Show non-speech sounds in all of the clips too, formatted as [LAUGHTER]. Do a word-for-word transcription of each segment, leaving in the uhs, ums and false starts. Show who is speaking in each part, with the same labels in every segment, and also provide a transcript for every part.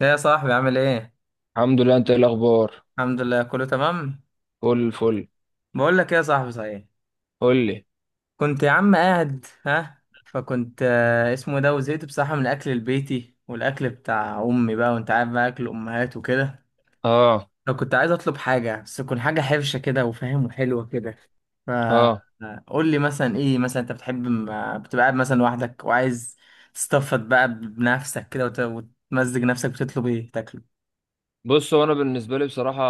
Speaker 1: يا صاحبي، عامل ايه؟
Speaker 2: الحمد لله، انت ايه الاخبار؟
Speaker 1: الحمد لله، كله تمام.
Speaker 2: فل الفل.
Speaker 1: بقول لك ايه يا صاحبي، صحيح،
Speaker 2: قول لي.
Speaker 1: كنت يا عم قاعد ها فكنت آه، اسمه ده، وزهقت بصراحه من الاكل البيتي والاكل بتاع امي بقى، وانت عارف بقى اكل امهات وكده.
Speaker 2: اه.
Speaker 1: فكنت عايز اطلب حاجه، بس تكون حاجه حرشه كده وفاهم وحلوه كده.
Speaker 2: اه.
Speaker 1: فقول لي مثلا ايه، مثلا انت بتحب م- بتبقى قاعد مثلا لوحدك وعايز تستفد بقى بنفسك كده وت- وتمزج نفسك، بتطلب ايه تاكله؟
Speaker 2: بص، هو انا بالنسبه لي بصراحه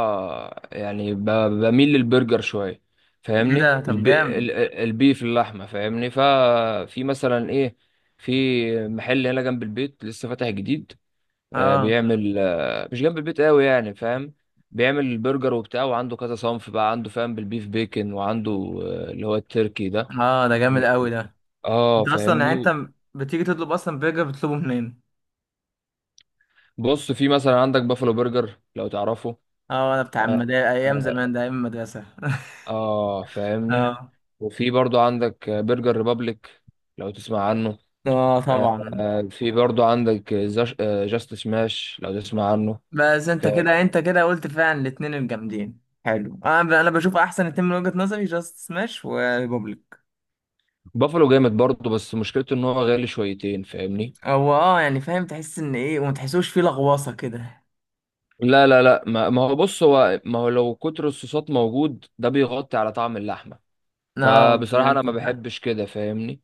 Speaker 2: يعني ب- بميل للبرجر شويه،
Speaker 1: ايه
Speaker 2: فاهمني؟
Speaker 1: ده، طب
Speaker 2: الب... ال-
Speaker 1: جامد!
Speaker 2: ال- البيف، اللحمه، فاهمني؟ ففي مثلا ايه. في محل هنا جنب البيت لسه فاتح جديد. آه
Speaker 1: اه،
Speaker 2: بيعمل، آه مش جنب البيت قوي يعني فاهم. بيعمل البرجر وبتاع، وعنده كذا صنف بقى، عنده فاهم؟ بالبيف بيكن، وعنده آه اللي هو التركي ده.
Speaker 1: اه، ده جامد قوي ده.
Speaker 2: اه،
Speaker 1: انت اصلا، يعني
Speaker 2: فاهمني.
Speaker 1: انت بتيجي تطلب اصلا برجر، بتطلبه منين؟
Speaker 2: بص، في مثلا عندك بافلو برجر، لو تعرفه.
Speaker 1: اه، انا بتاع
Speaker 2: اه،
Speaker 1: المدارس ايام
Speaker 2: آه،
Speaker 1: زمان ده، ايام المدرسه.
Speaker 2: آه،
Speaker 1: [LAUGHS]
Speaker 2: فاهمني.
Speaker 1: اه.
Speaker 2: وفي برضو عندك آه، برجر ريبابليك، لو تسمع عنه.
Speaker 1: اه
Speaker 2: آه،
Speaker 1: طبعا.
Speaker 2: آه، في برضو عندك آه، زاش- آه، جاست سماش، لو تسمع عنه.
Speaker 1: بس
Speaker 2: ف-
Speaker 1: انت كده، انت كده قلت فعلا الاتنين الجامدين، حلو. آه، انا ب- انا بشوف احسن اتنين من وجهة نظري، جاست سماش وريبوبليك.
Speaker 2: بافلو جامد برضو، بس مشكلته ان هو غالي شويتين، فاهمني.
Speaker 1: هو اه يعني، فاهم؟ تحس ان ايه وما تحسوش فيه لغواصه كده.
Speaker 2: لا لا لا، ما ما هو، بص، هو ما هو لو كتر الصوصات موجود، ده بيغطي على طعم اللحمة.
Speaker 1: اه، دي
Speaker 2: فبصراحة انا
Speaker 1: انت.
Speaker 2: ما بحبش كده، فاهمني؟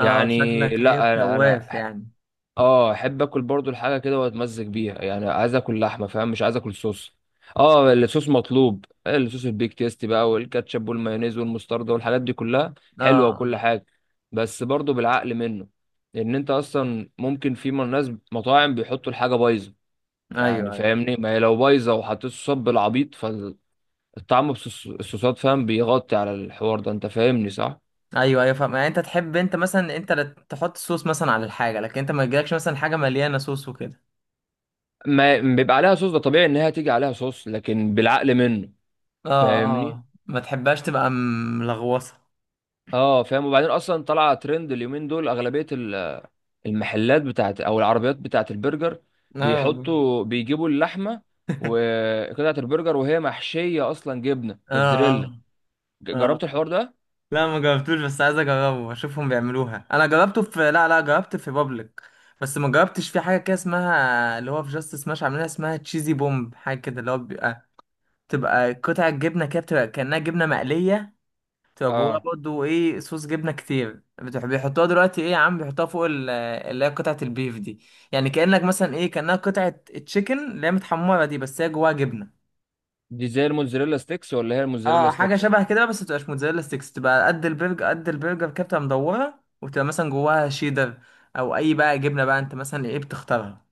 Speaker 1: اه،
Speaker 2: يعني
Speaker 1: شكلك ايه،
Speaker 2: لا، انا أنا
Speaker 1: شواف يعني؟
Speaker 2: اه احب اكل برضو الحاجه كده واتمزج بيها، يعني عايز اكل لحمه فاهم، مش عايز اكل صوص. اه، الصوص مطلوب، الصوص البيك تيست بقى، والكاتشب والمايونيز والمستردة والحاجات دي كلها حلوه
Speaker 1: اه،
Speaker 2: وكل حاجه. بس برضو بالعقل منه، لان انت اصلا ممكن في من ناس مطاعم بيحطوا الحاجه بايظه، يعني
Speaker 1: ايوه، ايوه.
Speaker 2: فاهمني، ما هي لو بايظه وحطيت صوصات بالعبيط، فالطعم، بصوص- الصوصات فاهم، بيغطي على الحوار ده، انت فاهمني صح؟
Speaker 1: ايوه، ايوه، فاهم. يعني انت تحب، انت مثلا، انت اللي تحط صوص مثلا على الحاجه، لكن انت ما يجيلكش مثلا حاجه مليانه صوص وكده.
Speaker 2: ما بيبقى عليها صوص، ده طبيعي ان هي تيجي عليها صوص، لكن بالعقل منه،
Speaker 1: اه.
Speaker 2: فاهمني.
Speaker 1: اه، ما تحبهاش تبقى ملغوصه.
Speaker 2: اه، فاهم. وبعدين اصلا طلع ترند اليومين دول، اغلبيه ال- المحلات بتاعت او العربيات بتاعت البرجر،
Speaker 1: اه.
Speaker 2: بيحطوا، بيجيبوا اللحمه وقطعه البرجر وهي محشيه اصلا جبنه
Speaker 1: [LAUGHS] اه.
Speaker 2: موتزاريلا.
Speaker 1: اه،
Speaker 2: ج-
Speaker 1: اه.
Speaker 2: جربت الحوار ده؟
Speaker 1: لا، ما جربتوش، بس عايز اجربه اشوفهم بيعملوها. انا جربته في لا، لا، جربت في بابليك. بس ما جربتش في حاجه كده اسمها، اللي هو في جاست سماش عاملينها، اسمها تشيزي بومب، حاجه كده اللي هو بيبقى، تبقى قطع جبنه كده، بتبقى كانها جبنه مقليه، بتبقى جواها
Speaker 2: اه.
Speaker 1: برضه ايه، صوص جبنه كتير. بتح- بيحطوها دلوقتي ايه يا عم، بيحطوها فوق ال- اللي هي قطعه البيف دي. يعني كانك مثلا ايه، كانها قطعه تشيكن اللي هي متحمره دي، بس هي جواها جبنه.
Speaker 2: دي زي الموتزاريلا ستيكس ولا هي الموتزاريلا
Speaker 1: اه، حاجه
Speaker 2: ستيكس؟
Speaker 1: شبه كده، بس متبقاش موتزاريلا ستيكس، تبقى قد البرجر، قد البرجر كده، بتبقى مدوره، وتبقى مثلا جواها شيدر او اي بقى جبنه بقى انت مثلا ايه بتختارها.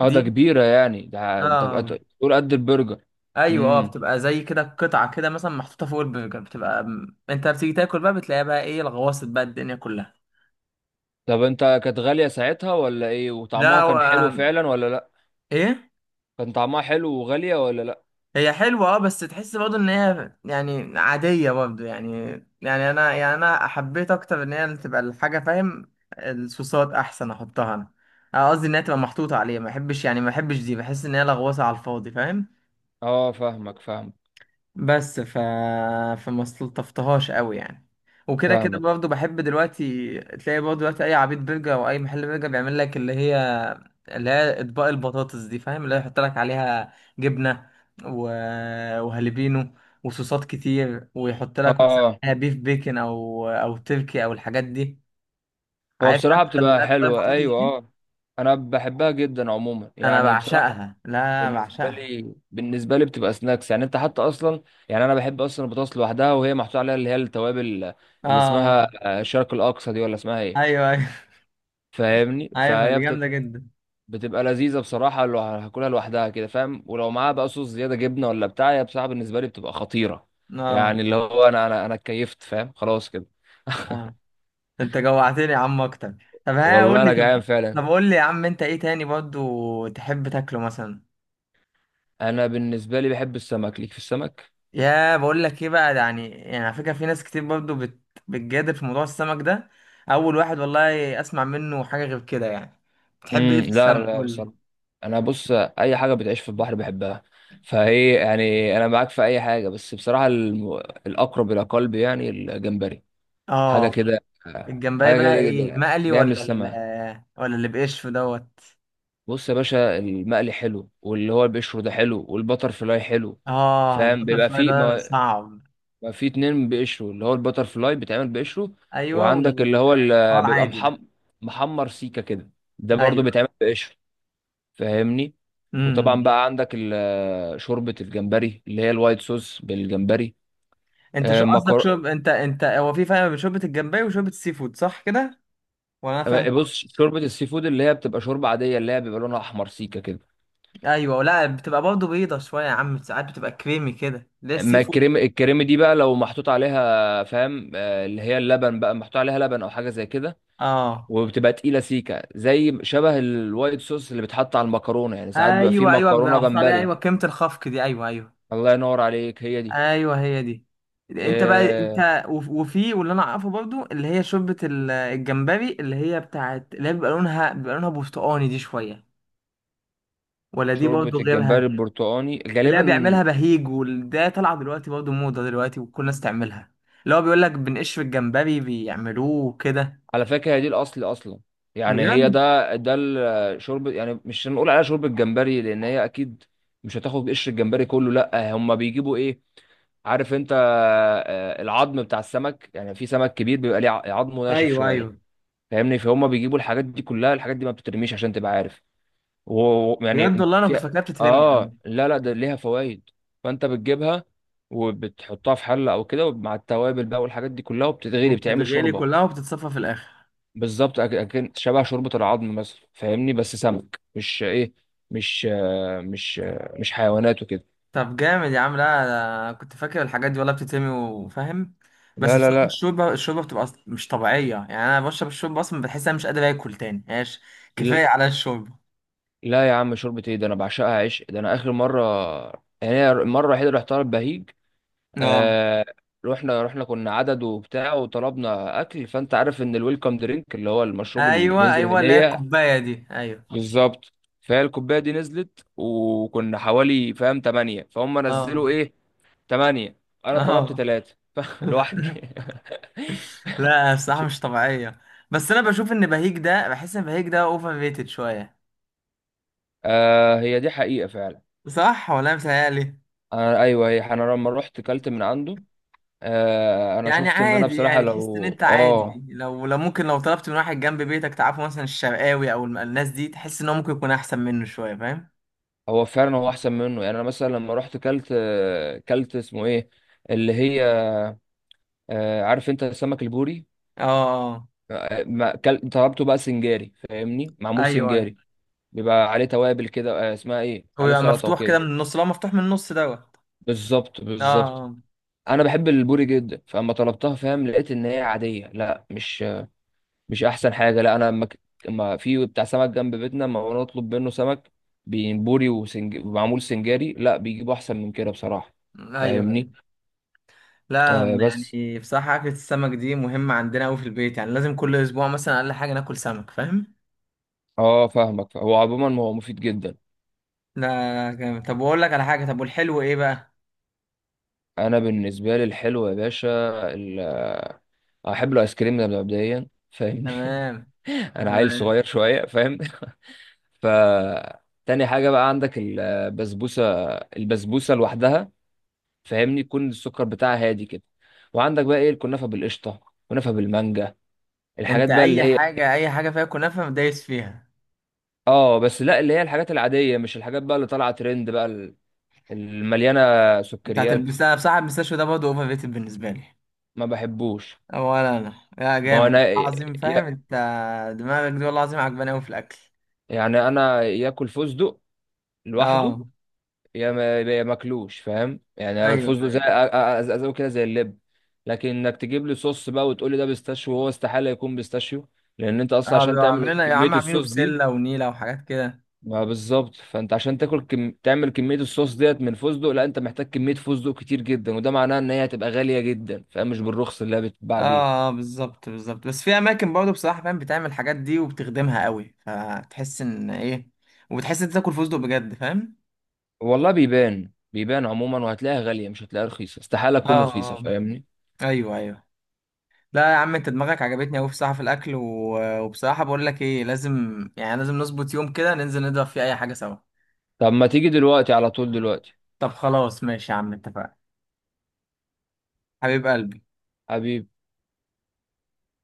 Speaker 2: اه، ده
Speaker 1: دي؟
Speaker 2: كبيره، يعني ده تبقى ت-
Speaker 1: اه.
Speaker 2: تقول قد البرجر؟
Speaker 1: ايوه، اه،
Speaker 2: امم.
Speaker 1: بتبقى زي كده قطعه كده مثلا محطوطه فوق البرجر، بتبقى انت بتيجي تاكل بقى، بتلاقيها بقى ايه، الغواصة بقى الدنيا كلها.
Speaker 2: طب انت، كانت غاليه ساعتها ولا ايه، وطعمها
Speaker 1: لا و...
Speaker 2: كان حلو فعلا ولا لا؟
Speaker 1: ايه،
Speaker 2: كان طعمها حلو وغاليه ولا لا؟
Speaker 1: هي حلوة، اه، بس تحس برضه ان هي يعني عادية برضه يعني. يعني انا، يعني انا حبيت اكتر ان هي اللي تبقى الحاجة، فاهم؟ الصوصات احسن احطها انا. أنا قصدي ان هي تبقى محطوطة عليها، ما بحبش، يعني ما بحبش دي، بحس ان هي لغوصة على الفاضي، فاهم؟
Speaker 2: اه، فاهمك فاهمك
Speaker 1: بس ف... فما استلطفتهاش قوي يعني. وكده كده
Speaker 2: فاهمك.
Speaker 1: برضه، بحب دلوقتي تلاقي برضه دلوقتي، اي عبيط برجر او اي محل برجر بيعمل لك اللي هي، اللي هي اطباق البطاطس دي، فاهم؟ اللي هي يحط لك عليها جبنه، و... وهالبينو وصوصات كتير، ويحط لك مثلا
Speaker 2: اه،
Speaker 1: عليها بيف بيكن او او تركي او الحاجات دي.
Speaker 2: هو
Speaker 1: عارف،
Speaker 2: بصراحة
Speaker 1: انت اللي
Speaker 2: بتبقى
Speaker 1: هي اطباق
Speaker 2: حلوة،
Speaker 1: البطاطس
Speaker 2: أيوة
Speaker 1: دي.
Speaker 2: أه. أنا بحبها جدا عموما،
Speaker 1: انا
Speaker 2: يعني بصراحة.
Speaker 1: بعشقها، لا
Speaker 2: بالنسبة
Speaker 1: بعشقها.
Speaker 2: لي بالنسبة لي بتبقى سناكس، يعني أنت حتى أصلا. يعني أنا بحب أصلا البطاطس لوحدها وهي محطوط عليها اللي هي التوابل، اللي
Speaker 1: اه.
Speaker 2: اسمها آه، الشرق الأقصى، دي ولا اسمها إيه؟
Speaker 1: ايوه، ايوه. [LAUGHS]
Speaker 2: فاهمني؟
Speaker 1: عارفها،
Speaker 2: فهي
Speaker 1: دي جامده
Speaker 2: بتبقى
Speaker 1: جدا.
Speaker 2: بتبقى لذيذة بصراحة، لو هاكلها لوحدها كده فاهم، ولو معاها بقى صوص زيادة جبنة ولا بتاع، هي بصراحة بالنسبة لي بتبقى خطيرة،
Speaker 1: اه.
Speaker 2: يعني اللي هو أنا أنا أنا اتكيفت فاهم، خلاص كده.
Speaker 1: آه. انت جوعتني يا عم اكتر. طب ها
Speaker 2: والله
Speaker 1: قول لي،
Speaker 2: أنا جعان
Speaker 1: طب،
Speaker 2: فعلا.
Speaker 1: طب قول لي يا عم، انت ايه تاني برضو تحب تاكله مثلا؟
Speaker 2: أنا بالنسبة لي بحب السمك، ليك في السمك.
Speaker 1: يا بقول لك ايه بقى، ده يعني، يعني على فكره في ناس كتير برضو بت... بتجادل في موضوع السمك ده. اول واحد والله اسمع منه حاجه غير كده يعني. بتحب ايه
Speaker 2: امم،
Speaker 1: في
Speaker 2: لا
Speaker 1: السمك،
Speaker 2: لا،
Speaker 1: قول لي.
Speaker 2: بصراحه انا، بص، اي حاجه بتعيش في البحر بحبها، فهي يعني، انا معاك في اي حاجه، بس بصراحه الم... الاقرب الى قلبي يعني الجمبري. حاجه
Speaker 1: اه،
Speaker 2: كده.
Speaker 1: الجمبري
Speaker 2: حاجه
Speaker 1: بقى
Speaker 2: كده
Speaker 1: ايه،
Speaker 2: جدا،
Speaker 1: المقلي
Speaker 2: جايه من
Speaker 1: ولا ال...
Speaker 2: السماء.
Speaker 1: ولا اللي بقشف دوت؟
Speaker 2: بص يا باشا، المقلي حلو، واللي هو بيشوي ده حلو، والبتر فلاي حلو.
Speaker 1: اه،
Speaker 2: فاهم،
Speaker 1: البتر
Speaker 2: بيبقى
Speaker 1: فلاي
Speaker 2: في
Speaker 1: ده
Speaker 2: ما,
Speaker 1: صعب.
Speaker 2: ما في اتنين بيقشروا، اللي هو البتر فلاي بيتعمل بقشره،
Speaker 1: ايوه.
Speaker 2: وعندك
Speaker 1: وال
Speaker 2: اللي هو
Speaker 1: هو
Speaker 2: اللي بيبقى
Speaker 1: العادي ده.
Speaker 2: محم... محمر سيكه كده، ده برضو
Speaker 1: ايوه.
Speaker 2: بيتعمل بقشره، فاهمني. وطبعا
Speaker 1: امم.
Speaker 2: بقى عندك ال- شوربة الجمبري اللي هي الوايت صوص بالجمبري.
Speaker 1: انت شو
Speaker 2: آه،
Speaker 1: قصدك،
Speaker 2: مكر...
Speaker 1: شرب؟ انت انت هو في فرق بين شوربه الجمبري وشوربه السي فود، صح كده؟ ولا انا فاهم
Speaker 2: آه، بص،
Speaker 1: غلط؟
Speaker 2: شوربة السي فود اللي هي بتبقى شوربة عادية، اللي هي بيبقى لونها أحمر سيكة كده.
Speaker 1: ايوه. لا، بتبقى برضه بيضه شويه يا عم، ساعات بتبقى كريمي كده، ليه السي
Speaker 2: ما
Speaker 1: فود؟
Speaker 2: الكريم الكريم دي بقى لو محطوط عليها فاهم، آه، اللي هي اللبن بقى، محطوط عليها لبن أو حاجة زي كده،
Speaker 1: اه.
Speaker 2: وبتبقى تقيلة سيكة زي شبه الوايت صوص اللي بيتحط على المكرونة، يعني ساعات بيبقى فيه
Speaker 1: ايوه، ايوه، بيبقى
Speaker 2: مكرونة
Speaker 1: محطوط عليها،
Speaker 2: جمبري.
Speaker 1: ايوه، كريمه الخفق دي، ايوه، ايوه.
Speaker 2: الله ينور عليك، هي دي.
Speaker 1: ايوه، هي دي. انت بقى،
Speaker 2: آه،
Speaker 1: انت وف- وفي واللي انا اعرفه برضه، اللي هي شوربه ال- الجمبري، اللي هي بتاعت اللي هي بيبقى لونها، بيبقى لونها برتقاني دي شويه، ولا دي
Speaker 2: شوربة
Speaker 1: برضه
Speaker 2: الجمبري
Speaker 1: غيرها؟
Speaker 2: البرتقاني
Speaker 1: اللي هي بيعملها
Speaker 2: غالبا.
Speaker 1: بهيج، وده طالعه دلوقتي برضه موضه دلوقتي، وكل الناس تعملها. اللي هو بيقول لك بنقش في الجمبري بيعملوه وكده.
Speaker 2: على فكرة هي دي الأصل أصلا، يعني هي
Speaker 1: بجد.
Speaker 2: ده ده الشرب، يعني مش هنقول عليها شرب الجمبري، لأن هي أكيد مش هتاخد قشر الجمبري كله، لأ، هما بيجيبوا إيه، عارف أنت، آه، العظم بتاع السمك. يعني في سمك كبير بيبقى ليه ع- عظمه ناشف
Speaker 1: ايوه،
Speaker 2: شوية،
Speaker 1: ايوه.
Speaker 2: فاهمني. فهم بيجيبوا الحاجات دي كلها، الحاجات دي ما بتترميش، عشان تبقى عارف.
Speaker 1: بجد،
Speaker 2: ويعني
Speaker 1: والله انا كنت
Speaker 2: في،
Speaker 1: فاكرها بتترمي يا
Speaker 2: آه،
Speaker 1: عم.
Speaker 2: لا لا، ده ليها فوائد، فأنت بتجيبها وبتحطها في حلة أو كده مع التوابل بقى والحاجات دي كلها، وبتتغلي، بتعمل
Speaker 1: وبتتغلي
Speaker 2: شوربة.
Speaker 1: كلها، وبتتصفى في الاخر.
Speaker 2: بالظبط، أك- اكن شبه شوربه العظم مثلا، فاهمني، بس سمك، مش ايه، مش آه، مش آه، مش حيوانات وكده.
Speaker 1: طب جامد يا عم، لا أنا كنت فاكر الحاجات دي والله بتترمي وفاهم. بس
Speaker 2: لا لا
Speaker 1: بصراحه،
Speaker 2: لا،
Speaker 1: الشوربه الشوربه بتبقى أص- مش طبيعيه، يعني انا بشرب الشوربه اصلا بحس انا مش قادر اكل تاني، ماشي،
Speaker 2: ل-
Speaker 1: كفايه على الشوربه.
Speaker 2: لا يا عم، شوربه ايه ده؟ انا بعشقها عشق. ده انا اخر مره، يعني أنا المره الوحيده اللي رحتها البهيج.
Speaker 1: اه.
Speaker 2: آه. رحنا رحنا كنا عدد وبتاع، وطلبنا اكل، فانت عارف ان الويلكم درينك اللي هو المشروب اللي
Speaker 1: ايوه،
Speaker 2: بينزل
Speaker 1: ايوه، اللي هي
Speaker 2: هديه.
Speaker 1: الكوبايه دي، ايوه.
Speaker 2: بالظبط. فهي الكوبايه دي نزلت وكنا حوالي، فاهم، تمانية، فهم
Speaker 1: اه.
Speaker 2: نزلوا ايه، تمانية. أنا طلبت
Speaker 1: اه.
Speaker 2: تلاتة [LAUGHS]
Speaker 1: [LAUGHS]
Speaker 2: لوحدي [LAUGHS]
Speaker 1: لا، الصراحة مش طبيعية. بس أنا بشوف إن بهيج ده، بحس إن بهيج ده أوفر ريتد شوية.
Speaker 2: آه، هي دي حقيقة فعلا.
Speaker 1: صح ولا أنا متهيألي؟
Speaker 2: أنا، أيوه، هي أنا لما رحت كلت من عنده، آه أنا
Speaker 1: يعني
Speaker 2: شفت إن أنا
Speaker 1: عادي،
Speaker 2: بصراحة
Speaker 1: يعني تحس إن
Speaker 2: لو
Speaker 1: أنت
Speaker 2: آه،
Speaker 1: عادي، لو، لو ممكن لو طلبت من واحد جنب بيتك تعرفه، مثلا الشرقاوي أو الم- الناس دي، تحس إن هو ممكن يكون أحسن منه شوية، فاهم؟
Speaker 2: هو فعلا هو أحسن منه، يعني أنا مثلا لما رحت كلت آه، كلت اسمه إيه، اللي هي، آه، عارف أنت السمك البوري.
Speaker 1: آه، آه.
Speaker 2: آه، ما كل... طلبته بقى سنجاري، فاهمني، معمول
Speaker 1: أيوه، أيوه.
Speaker 2: سنجاري، بيبقى عليه توابل كده، آه اسمها إيه،
Speaker 1: هو
Speaker 2: عليه
Speaker 1: يبقى
Speaker 2: سلطة
Speaker 1: مفتوح كده
Speaker 2: وكده.
Speaker 1: من النص، لو مفتوح من النص دوت.
Speaker 2: بالظبط،
Speaker 1: آه.
Speaker 2: بالظبط.
Speaker 1: آه.
Speaker 2: انا بحب البوري جدا، فاما طلبتها فاهم، لقيت ان هي عاديه، لا، مش مش احسن حاجه. لا انا، اما ك- اما في بتاع سمك جنب بيتنا، اما انا اطلب منه سمك بي- بوري وسنج... ومعمول سنجاري، لا، بيجيبوا احسن من كده بصراحه،
Speaker 1: أيوه،
Speaker 2: فاهمني.
Speaker 1: أيوه. لا،
Speaker 2: آه بس.
Speaker 1: يعني بصراحة أكلة السمك دي مهمة عندنا أوي في البيت، يعني لازم كل أسبوع مثلا أقل حاجة ناكل سمك، فاهم؟
Speaker 2: اه، فاهمك، هو عموما هو مفيد جدا.
Speaker 1: لا، جامد. طب، واقول لك على حاجه، طب، والحلو ايه بقى؟
Speaker 2: انا بالنسبه لي الحلو يا باشا ال... آه، احب الايس كريم ده مبدئيا، فاهمني.
Speaker 1: تمام.
Speaker 2: [LAUGHS] انا عيل
Speaker 1: تمام.
Speaker 2: صغير شويه فاهم. ف تاني حاجة بقى عندك البسبوسة، البسبوسة لوحدها، فاهمني، يكون السكر بتاعها هادي كده. وعندك بقى ايه، الكنافة بالقشطة، كنافة بالمانجا، الحاجات
Speaker 1: انت
Speaker 2: بقى اللي
Speaker 1: اي
Speaker 2: هي،
Speaker 1: حاجه، اي حاجه فيها كنافه دايس فيها.
Speaker 2: اه بس لا، اللي هي الحاجات العادية، مش الحاجات بقى اللي طالعة ترند بقى ال- المليانة
Speaker 1: انت
Speaker 2: سكريات،
Speaker 1: هتلبسها بصراحه، المستشفى ده برضه اوفر ريتد بالنسبه لي.
Speaker 2: ما بحبوش.
Speaker 1: ولا انا، يا
Speaker 2: ما هو
Speaker 1: جامد
Speaker 2: انا ي-
Speaker 1: عظيم، فاهم انت؟ دماغك دي والله العظيم عجباني قوي في الاكل.
Speaker 2: يعني انا، ياكل فستق لوحده
Speaker 1: اه.
Speaker 2: يا ما، يا ماكلوش فاهم، يعني
Speaker 1: ايوه،
Speaker 2: الفستق زي أ-
Speaker 1: ايوه.
Speaker 2: أ- ازازه كده، زي اللب. لكن انك تجيب لي صوص بقى وتقول لي ده بيستاشيو، وهو استحاله يكون بيستاشيو، لان انت اصلا
Speaker 1: اه،
Speaker 2: عشان
Speaker 1: بيبقوا
Speaker 2: تعمل
Speaker 1: عاملين يا
Speaker 2: كميه
Speaker 1: عم عاملينه
Speaker 2: الصوص دي.
Speaker 1: بسله ونيله وحاجات كده.
Speaker 2: ما بالظبط، فانت عشان تاكل كم... تعمل كميه الصوص ديت من فستق، لا، انت محتاج كميه فستق كتير جدا، وده معناه ان هي هتبقى غاليه جدا فاهم، مش بالرخص اللي هي بتتباع بيه.
Speaker 1: اه. آه، بالظبط، بالظبط. بس في اماكن برضه بصراحه فاهم، بتعمل الحاجات دي وبتخدمها قوي، فتحس ان ايه، وبتحس انت تاكل فستق بجد، فاهم؟
Speaker 2: والله بيبان بيبان عموما، وهتلاقيها غاليه، مش هتلاقيها رخيصه، استحاله
Speaker 1: اه.
Speaker 2: تكون رخيصه،
Speaker 1: اه.
Speaker 2: فاهمني.
Speaker 1: ايوه، ايوه. لا يا عم، انت دماغك عجبتني قوي بصراحه في الاكل، و... وبصراحه بقول لك ايه، لازم، يعني لازم نظبط يوم كده ننزل نضرب فيه اي حاجه سوا.
Speaker 2: طب ما تيجي دلوقتي على طول دلوقتي.
Speaker 1: طب خلاص، ماشي يا عم، اتفقنا. حبيب قلبي.
Speaker 2: حبيبي.